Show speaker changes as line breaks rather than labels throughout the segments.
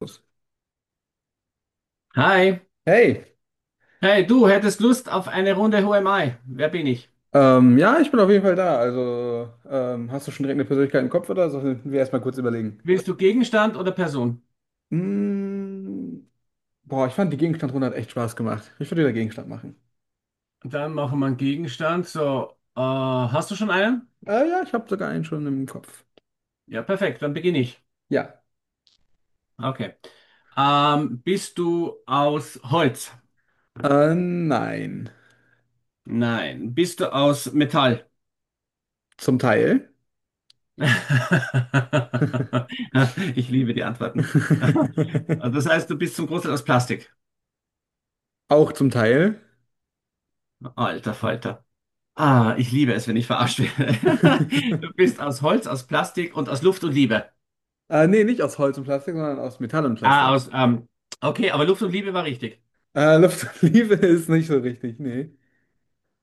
Los.
Hi,
Hey,
hey, du hättest Lust auf eine Runde Who am I? Wer bin ich?
ja, ich bin auf jeden Fall da. Also, hast du schon direkt eine Persönlichkeit im Kopf oder sollen wir erstmal kurz überlegen?
Willst du Gegenstand oder Person?
Mm, boah, ich fand die Gegenstandrunde hat echt Spaß gemacht. Ich würde wieder Gegenstand machen.
Dann machen wir einen Gegenstand. So, hast du schon einen?
Ja, ich habe sogar einen schon im Kopf.
Ja, perfekt, dann beginne ich.
Ja.
Okay. Bist du aus Holz?
Nein.
Nein. Bist du aus Metall?
Zum Teil.
Ich liebe die Antworten. Also, das heißt, du bist zum Großteil aus Plastik.
Auch zum Teil.
Alter Falter. Ah, ich liebe es, wenn ich verarscht werde. Du bist aus Holz, aus Plastik und aus Luft und Liebe.
Nee, nicht aus Holz und Plastik, sondern aus Metall und
Ah,
Plastik.
aus. Okay, aber Luft und Liebe war richtig.
Luft und Liebe ist nicht so richtig, nee.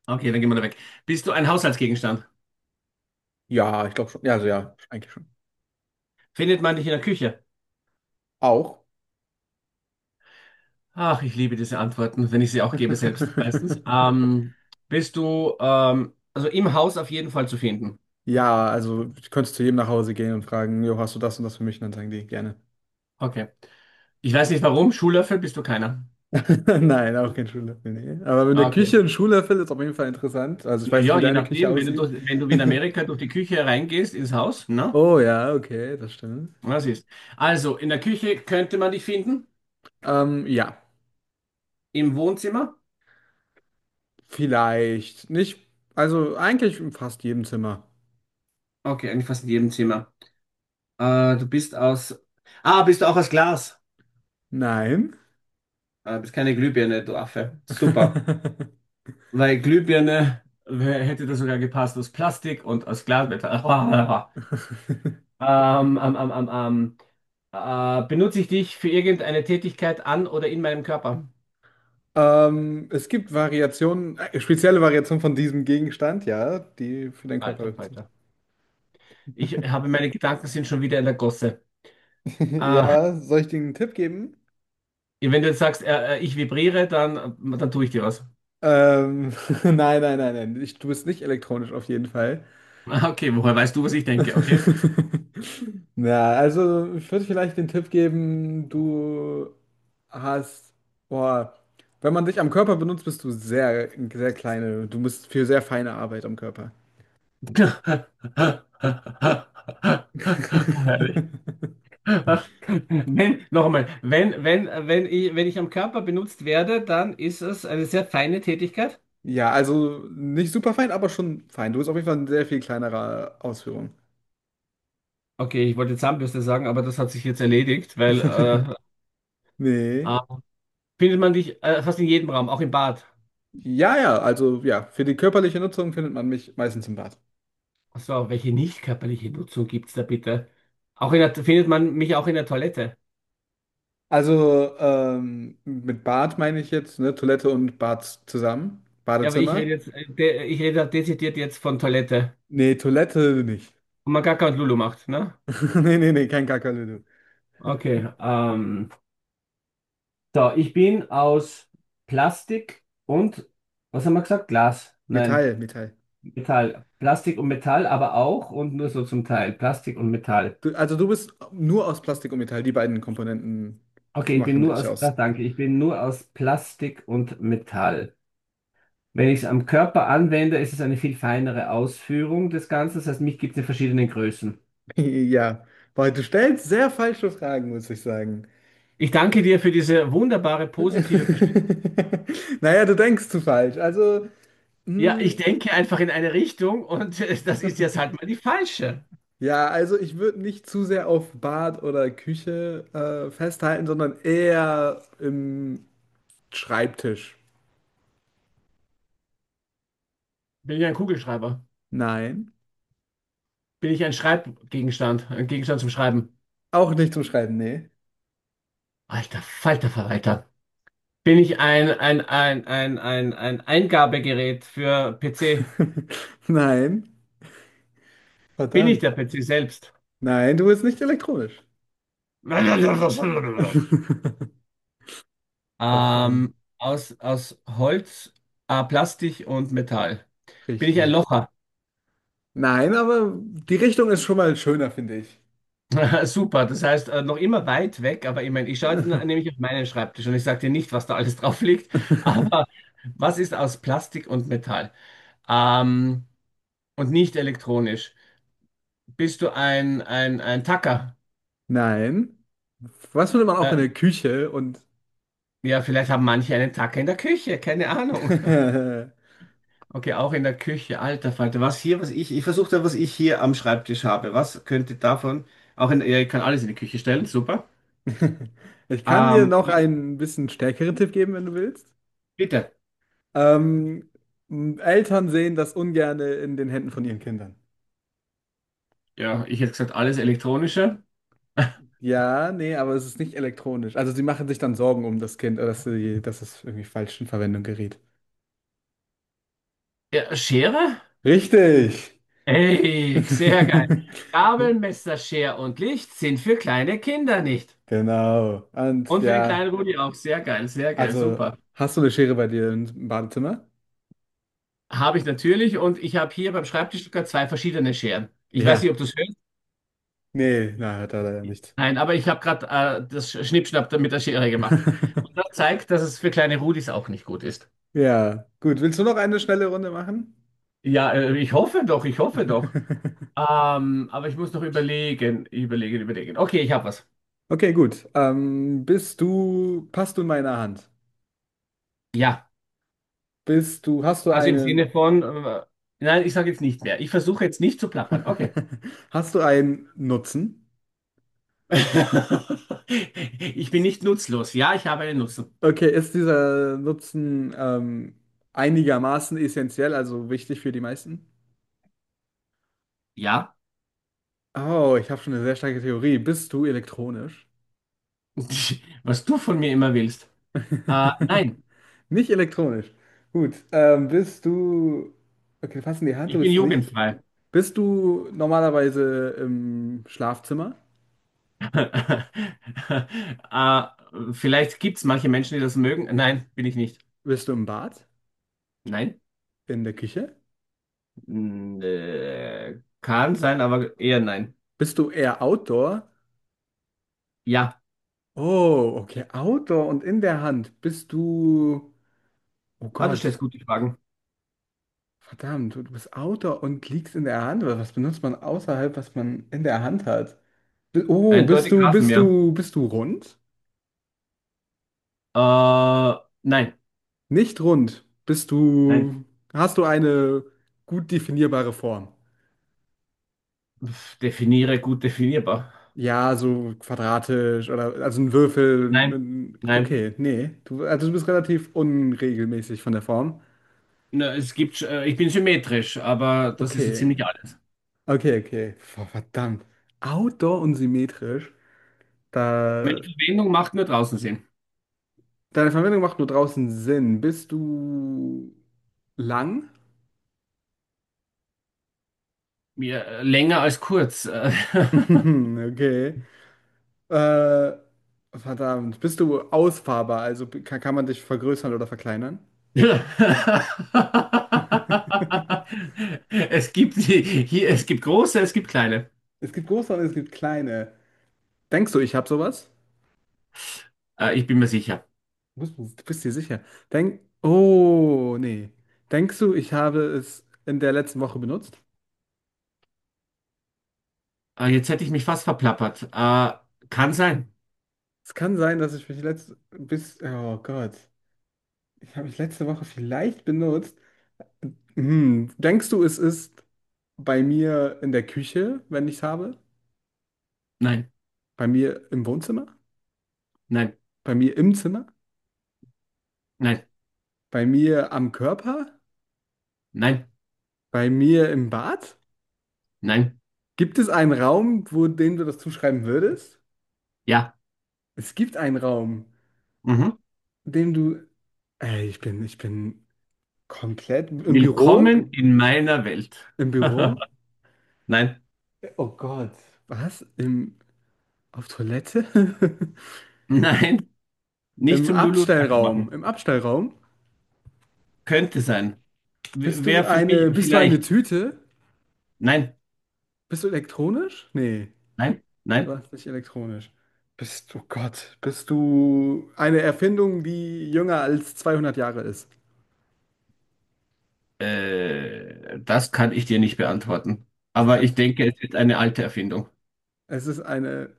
Okay, dann gehen wir da weg. Bist du ein Haushaltsgegenstand?
Ja, ich glaube schon. Ja, also ja, eigentlich schon.
Findet man dich in der Küche?
Auch.
Ach, ich liebe diese Antworten, wenn ich sie auch gebe selbst meistens. Bist du also im Haus auf jeden Fall zu finden?
Ja, also du könntest zu jedem nach Hause gehen und fragen: Jo, hast du das und das für mich? Und dann sagen die: Gerne.
Okay. Ich weiß nicht warum. Schuhlöffel bist du keiner.
Nein, auch kein Schuhlöffel, nee. Aber mit
Ah,
der
okay.
Küche ein Schuhlöffel ist auf jeden Fall interessant. Also ich
Na
weiß nicht,
ja,
wie
je
deine Küche
nachdem, wenn du
aussieht.
durch, wenn du wie in Amerika durch die Küche reingehst ins Haus, ne?
Oh ja, okay, das stimmt.
Was ist? Also, in der Küche könnte man dich finden,
Ja,
im Wohnzimmer.
vielleicht nicht. Also eigentlich in fast jedem Zimmer.
Okay, eigentlich fast in jedem Zimmer. Du bist aus. Ah, Bist du auch aus Glas?
Nein.
Bist keine Glühbirne, du Affe. Super. Weil Glühbirne hätte das sogar gepasst aus Plastik und aus Glas. Ähm, ähm, ähm, ähm, ähm. Benutze ich dich für irgendeine Tätigkeit an oder in meinem Körper?
Es gibt Variationen, spezielle Variationen von diesem Gegenstand, ja, die für deinen Körper
Alter,
sind.
Alter. Ich habe meine Gedanken sind schon wieder in der Gosse. Ah,
Ja, soll ich dir einen Tipp geben?
wenn du jetzt sagst, ich vibriere, dann tue ich dir was.
Ähm, nein, nein, nein, nein. Ich, du bist nicht elektronisch auf jeden Fall.
Ah, okay, woher weißt du, was ich denke? Okay.
Na, also ich würde vielleicht den Tipp geben, du hast, boah, wenn man dich am Körper benutzt, bist du sehr, sehr kleine. Du bist für sehr feine Arbeit am Körper.
Herrlich. Wenn, nochmal, wenn, wenn, wenn ich, wenn ich am Körper benutzt werde, dann ist es eine sehr feine Tätigkeit.
Ja, also nicht super fein, aber schon fein. Du bist auf jeden Fall in sehr viel kleinerer Ausführung.
Okay, ich wollte Zahnbürste sagen, aber das hat sich jetzt erledigt, weil
Nee.
äh, findet man dich fast in jedem Raum, auch im Bad.
Ja, ja, also ja, für die körperliche Nutzung findet man mich meistens im Bad.
Ach so, welche nicht körperliche Nutzung gibt's da bitte? Auch in der, findet man mich auch in der Toilette.
Also mit Bad meine ich jetzt, ne? Toilette und Bad zusammen.
Ja, aber ich rede
Badezimmer.
jetzt, ich rede dezidiert jetzt von Toilette.
Nee, Toilette nicht.
Und man Gaga und Lulu macht, ne?
Nee, nee, nee, kein Kakerlöwe.
Okay. So, ich bin aus Plastik und, was haben wir gesagt? Glas. Nein,
Metall, Metall.
Metall. Plastik und Metall, aber auch und nur so zum Teil. Plastik und Metall.
Du, also du bist nur aus Plastik und Metall. Die beiden Komponenten
Okay, ich bin
machen
nur
dich
aus,
aus.
danke, ich bin nur aus Plastik und Metall. Wenn ich es am Körper anwende, ist es eine viel feinere Ausführung des Ganzen. Das heißt, mich gibt es in verschiedenen Größen.
Ja, weil du stellst sehr falsche Fragen, muss ich sagen.
Ich danke dir für diese wunderbare positive Bestimmung.
Naja, du denkst zu falsch. Also,
Ja,
hm,
ich denke einfach in eine Richtung und das ist jetzt halt mal die falsche.
ja, also ich würde nicht zu sehr auf Bad oder Küche festhalten, sondern eher im Schreibtisch.
Bin ja ein Kugelschreiber.
Nein.
Bin ich ein Schreibgegenstand, ein Gegenstand zum Schreiben?
Auch nicht zum Schreiben, nee.
Alter Falter Verwalter. Bin ich ein Eingabegerät für PC?
Nein.
Bin ich
Verdammt.
der PC selbst?
Nein, du bist nicht elektronisch. Verdammt.
Aus Holz, Plastik und Metall. Bin ich ein
Richtig.
Locher?
Nein, aber die Richtung ist schon mal schöner, finde ich.
Super, das heißt, noch immer weit weg, aber ich meine, ich schaue jetzt nämlich auf meinen Schreibtisch und ich sage dir nicht, was da alles drauf liegt, aber was ist aus Plastik und Metall? Ähm, und nicht elektronisch. Bist du ein Tacker?
Nein. Was findet man auch in
Äh,
der Küche? Und
ja, vielleicht haben manche einen Tacker in der Küche, keine Ahnung. Okay, auch in der Küche, alter Falter. Was hier, was ich, ich versuche da, was ich hier am Schreibtisch habe. Was könnte davon, auch in, ja, ich kann alles in die Küche stellen, super.
ich kann dir
Ähm,
noch
was,
einen bisschen stärkeren Tipp geben, wenn du willst.
bitte.
Ähm, Eltern sehen das ungerne in den Händen von ihren Kindern.
Ja, ich hätte gesagt, alles elektronische.
Ja, nee, aber es ist nicht elektronisch. Also sie machen sich dann Sorgen um das Kind, dass sie, dass es irgendwie falsch in Verwendung gerät.
Ja, Schere?
Richtig!
Ey, sehr geil. Gabel, Messer, Schere und Licht sind für kleine Kinder nicht.
Genau. Und
Und für den
ja,
kleinen Rudi auch. Sehr geil,
also
super.
hast du eine Schere bei dir im Badezimmer?
Habe ich natürlich und ich habe hier beim Schreibtisch gerade zwei verschiedene Scheren. Ich weiß
Ja.
nicht, ob du es hörst.
Nee, na, hat er leider nicht.
Nein, aber ich habe gerade das Schnippschnapp da mit der Schere gemacht. Und das zeigt, dass es für kleine Rudis auch nicht gut ist.
Ja, gut. Willst du noch eine schnelle Runde machen?
Ja, ich hoffe doch, ich hoffe doch. Aber ich muss noch überlegen. Okay, ich habe was.
Okay, gut. Bist du, passt du in meiner Hand?
Ja,
Bist du, hast du
also im Sinne
einen,
von, nein, ich sage jetzt nicht mehr. Ich versuche jetzt nicht zu plappern. Okay.
hast du einen Nutzen?
Ich bin nicht nutzlos. Ja, ich habe einen Nutzen.
Okay, ist dieser Nutzen einigermaßen essentiell, also wichtig für die meisten?
Ja,
Oh, ich habe schon eine sehr starke Theorie. Bist du elektronisch?
was du von mir immer willst. Nein.
Nicht elektronisch. Gut, bist du... Okay, fass in die Hand,
Ich
du
bin
bist nicht...
jugendfrei.
Bist du normalerweise im Schlafzimmer?
äh, vielleicht gibt es manche Menschen, die das mögen. Nein, bin ich nicht.
Bist du im Bad?
Nein?
In der Küche?
Mm, äh, kann sein, aber eher nein.
Bist du eher Outdoor?
Ja,
Oh, okay, Outdoor und in der Hand. Bist du... Oh
ah, du
Gott.
stellst gute Fragen.
Verdammt, du bist Autor und liegst in der Hand. Was benutzt man außerhalb, was man in der Hand hat? Oh,
Eindeutig Rasenmäher.
bist du rund?
Äh, nein,
Nicht rund.
nein.
Hast du eine gut definierbare Form?
Pff, definiere gut definierbar.
Ja, so quadratisch oder also ein Würfel.
Nein, nein.
Okay, nee. Du, also du bist relativ unregelmäßig von der Form.
Na, es gibt, ich bin symmetrisch, aber das ist so
Okay.
ziemlich alles.
Okay, okay. Verdammt. Outdoor und symmetrisch.
Meine
Da.
Verwendung macht nur draußen Sinn.
Deine Verwendung macht nur draußen Sinn. Bist du lang?
Mir, länger als kurz.
Okay. Äh, Verdammt. Bist du ausfahrbar? Also kann man dich vergrößern oder verkleinern?
Es gibt hier, es gibt große, es gibt kleine.
Es gibt große und es gibt kleine. Denkst du, ich habe sowas?
Ich bin mir sicher.
Bist du bist dir sicher? Denk. Oh, nee. Denkst du, ich habe es in der letzten Woche benutzt?
Jetzt hätte ich mich fast verplappert. Kann sein.
Es kann sein, dass ich mich letzte bis. Oh Gott. Ich habe mich letzte Woche vielleicht benutzt. Hm, denkst du, es ist bei mir in der Küche, wenn ich es habe?
Nein,
Bei mir im Wohnzimmer?
nein,
Bei mir im Zimmer?
nein,
Bei mir am Körper?
nein,
Bei mir im Bad?
nein.
Gibt es einen Raum, wo dem du das zuschreiben würdest?
Ja.
Es gibt einen Raum,
Mhm.
in dem du. Ey, ich bin komplett im Büro?
Willkommen in meiner Welt.
Im Büro?
Nein,
Oh Gott, was? Im, auf Toilette?
nein, nicht
Im
zum Lulu und Kacke machen.
Abstellraum? Im Abstellraum?
Könnte sein. Wäre für mich
Bist du eine
vielleicht.
Tüte?
Nein,
Bist du elektronisch? Nee,
nein,
du
nein.
warst nicht elektronisch. Bist du Gott? Bist du eine Erfindung, die jünger als 200 Jahre ist?
Das kann ich dir nicht beantworten.
Das
Aber ich
kannst.
denke, es ist eine alte Erfindung.
Es ist eine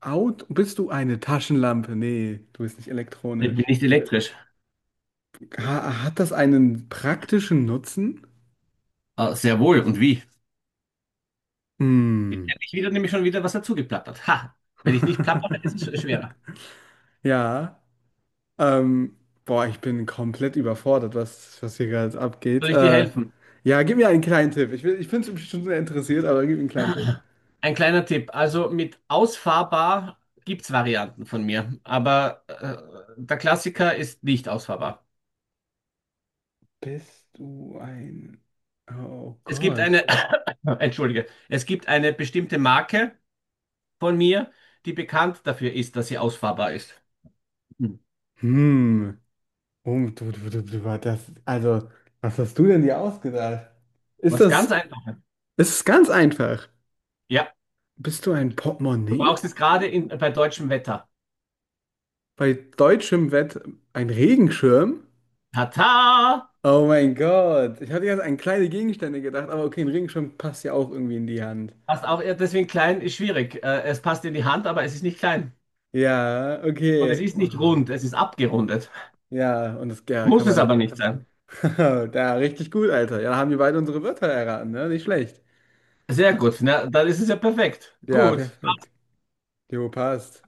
Out. Bist du eine Taschenlampe? Nee, du bist nicht
Ich bin
elektronisch.
nicht elektrisch.
Ha hat das einen praktischen Nutzen?
Ah, sehr wohl. Und wie? Jetzt
Hm.
hätte ich wieder nämlich schon wieder was dazu geplappert. Ha! Wenn ich nicht plappere, ist es schwerer.
Ja. Ähm, boah, ich bin komplett überfordert, was hier gerade abgeht.
Soll ich dir helfen?
Ja, gib mir einen kleinen Tipp. Ich bin schon sehr interessiert, aber gib mir einen kleinen Tipp.
Ein kleiner Tipp. Also mit ausfahrbar gibt es Varianten von mir. Aber der Klassiker ist nicht ausfahrbar.
Bist du ein... Oh
Es gibt
Gott.
eine, entschuldige, es gibt eine bestimmte Marke von mir, die bekannt dafür ist, dass sie ausfahrbar ist. Hm.
Hm. Oh, das, also, was hast du denn dir ausgedacht? Ist
Was
das,
ganz einfach.
ist es ist ganz einfach.
Ja.
Bist du ein
Du
Portemonnaie?
brauchst es gerade in, bei deutschem Wetter.
Bei deutschem Wett ein Regenschirm?
Tata!
Oh mein Gott. Ich hatte jetzt an kleine Gegenstände gedacht, aber okay, ein Regenschirm passt ja auch irgendwie in die Hand.
Passt auch, ja, deswegen klein ist schwierig. Es passt in die Hand, aber es ist nicht klein.
Ja,
Und es
okay.
ist
Oh,
nicht rund, es ist abgerundet.
ja, und das, ja, kann
Muss es
man.
aber nicht sein.
Da, richtig gut, Alter. Ja, da haben wir beide unsere Wörter erraten, ne? Nicht schlecht.
Sehr gut, na, dann ist es ja perfekt.
Ja,
Gut.
perfekt. Jo, passt.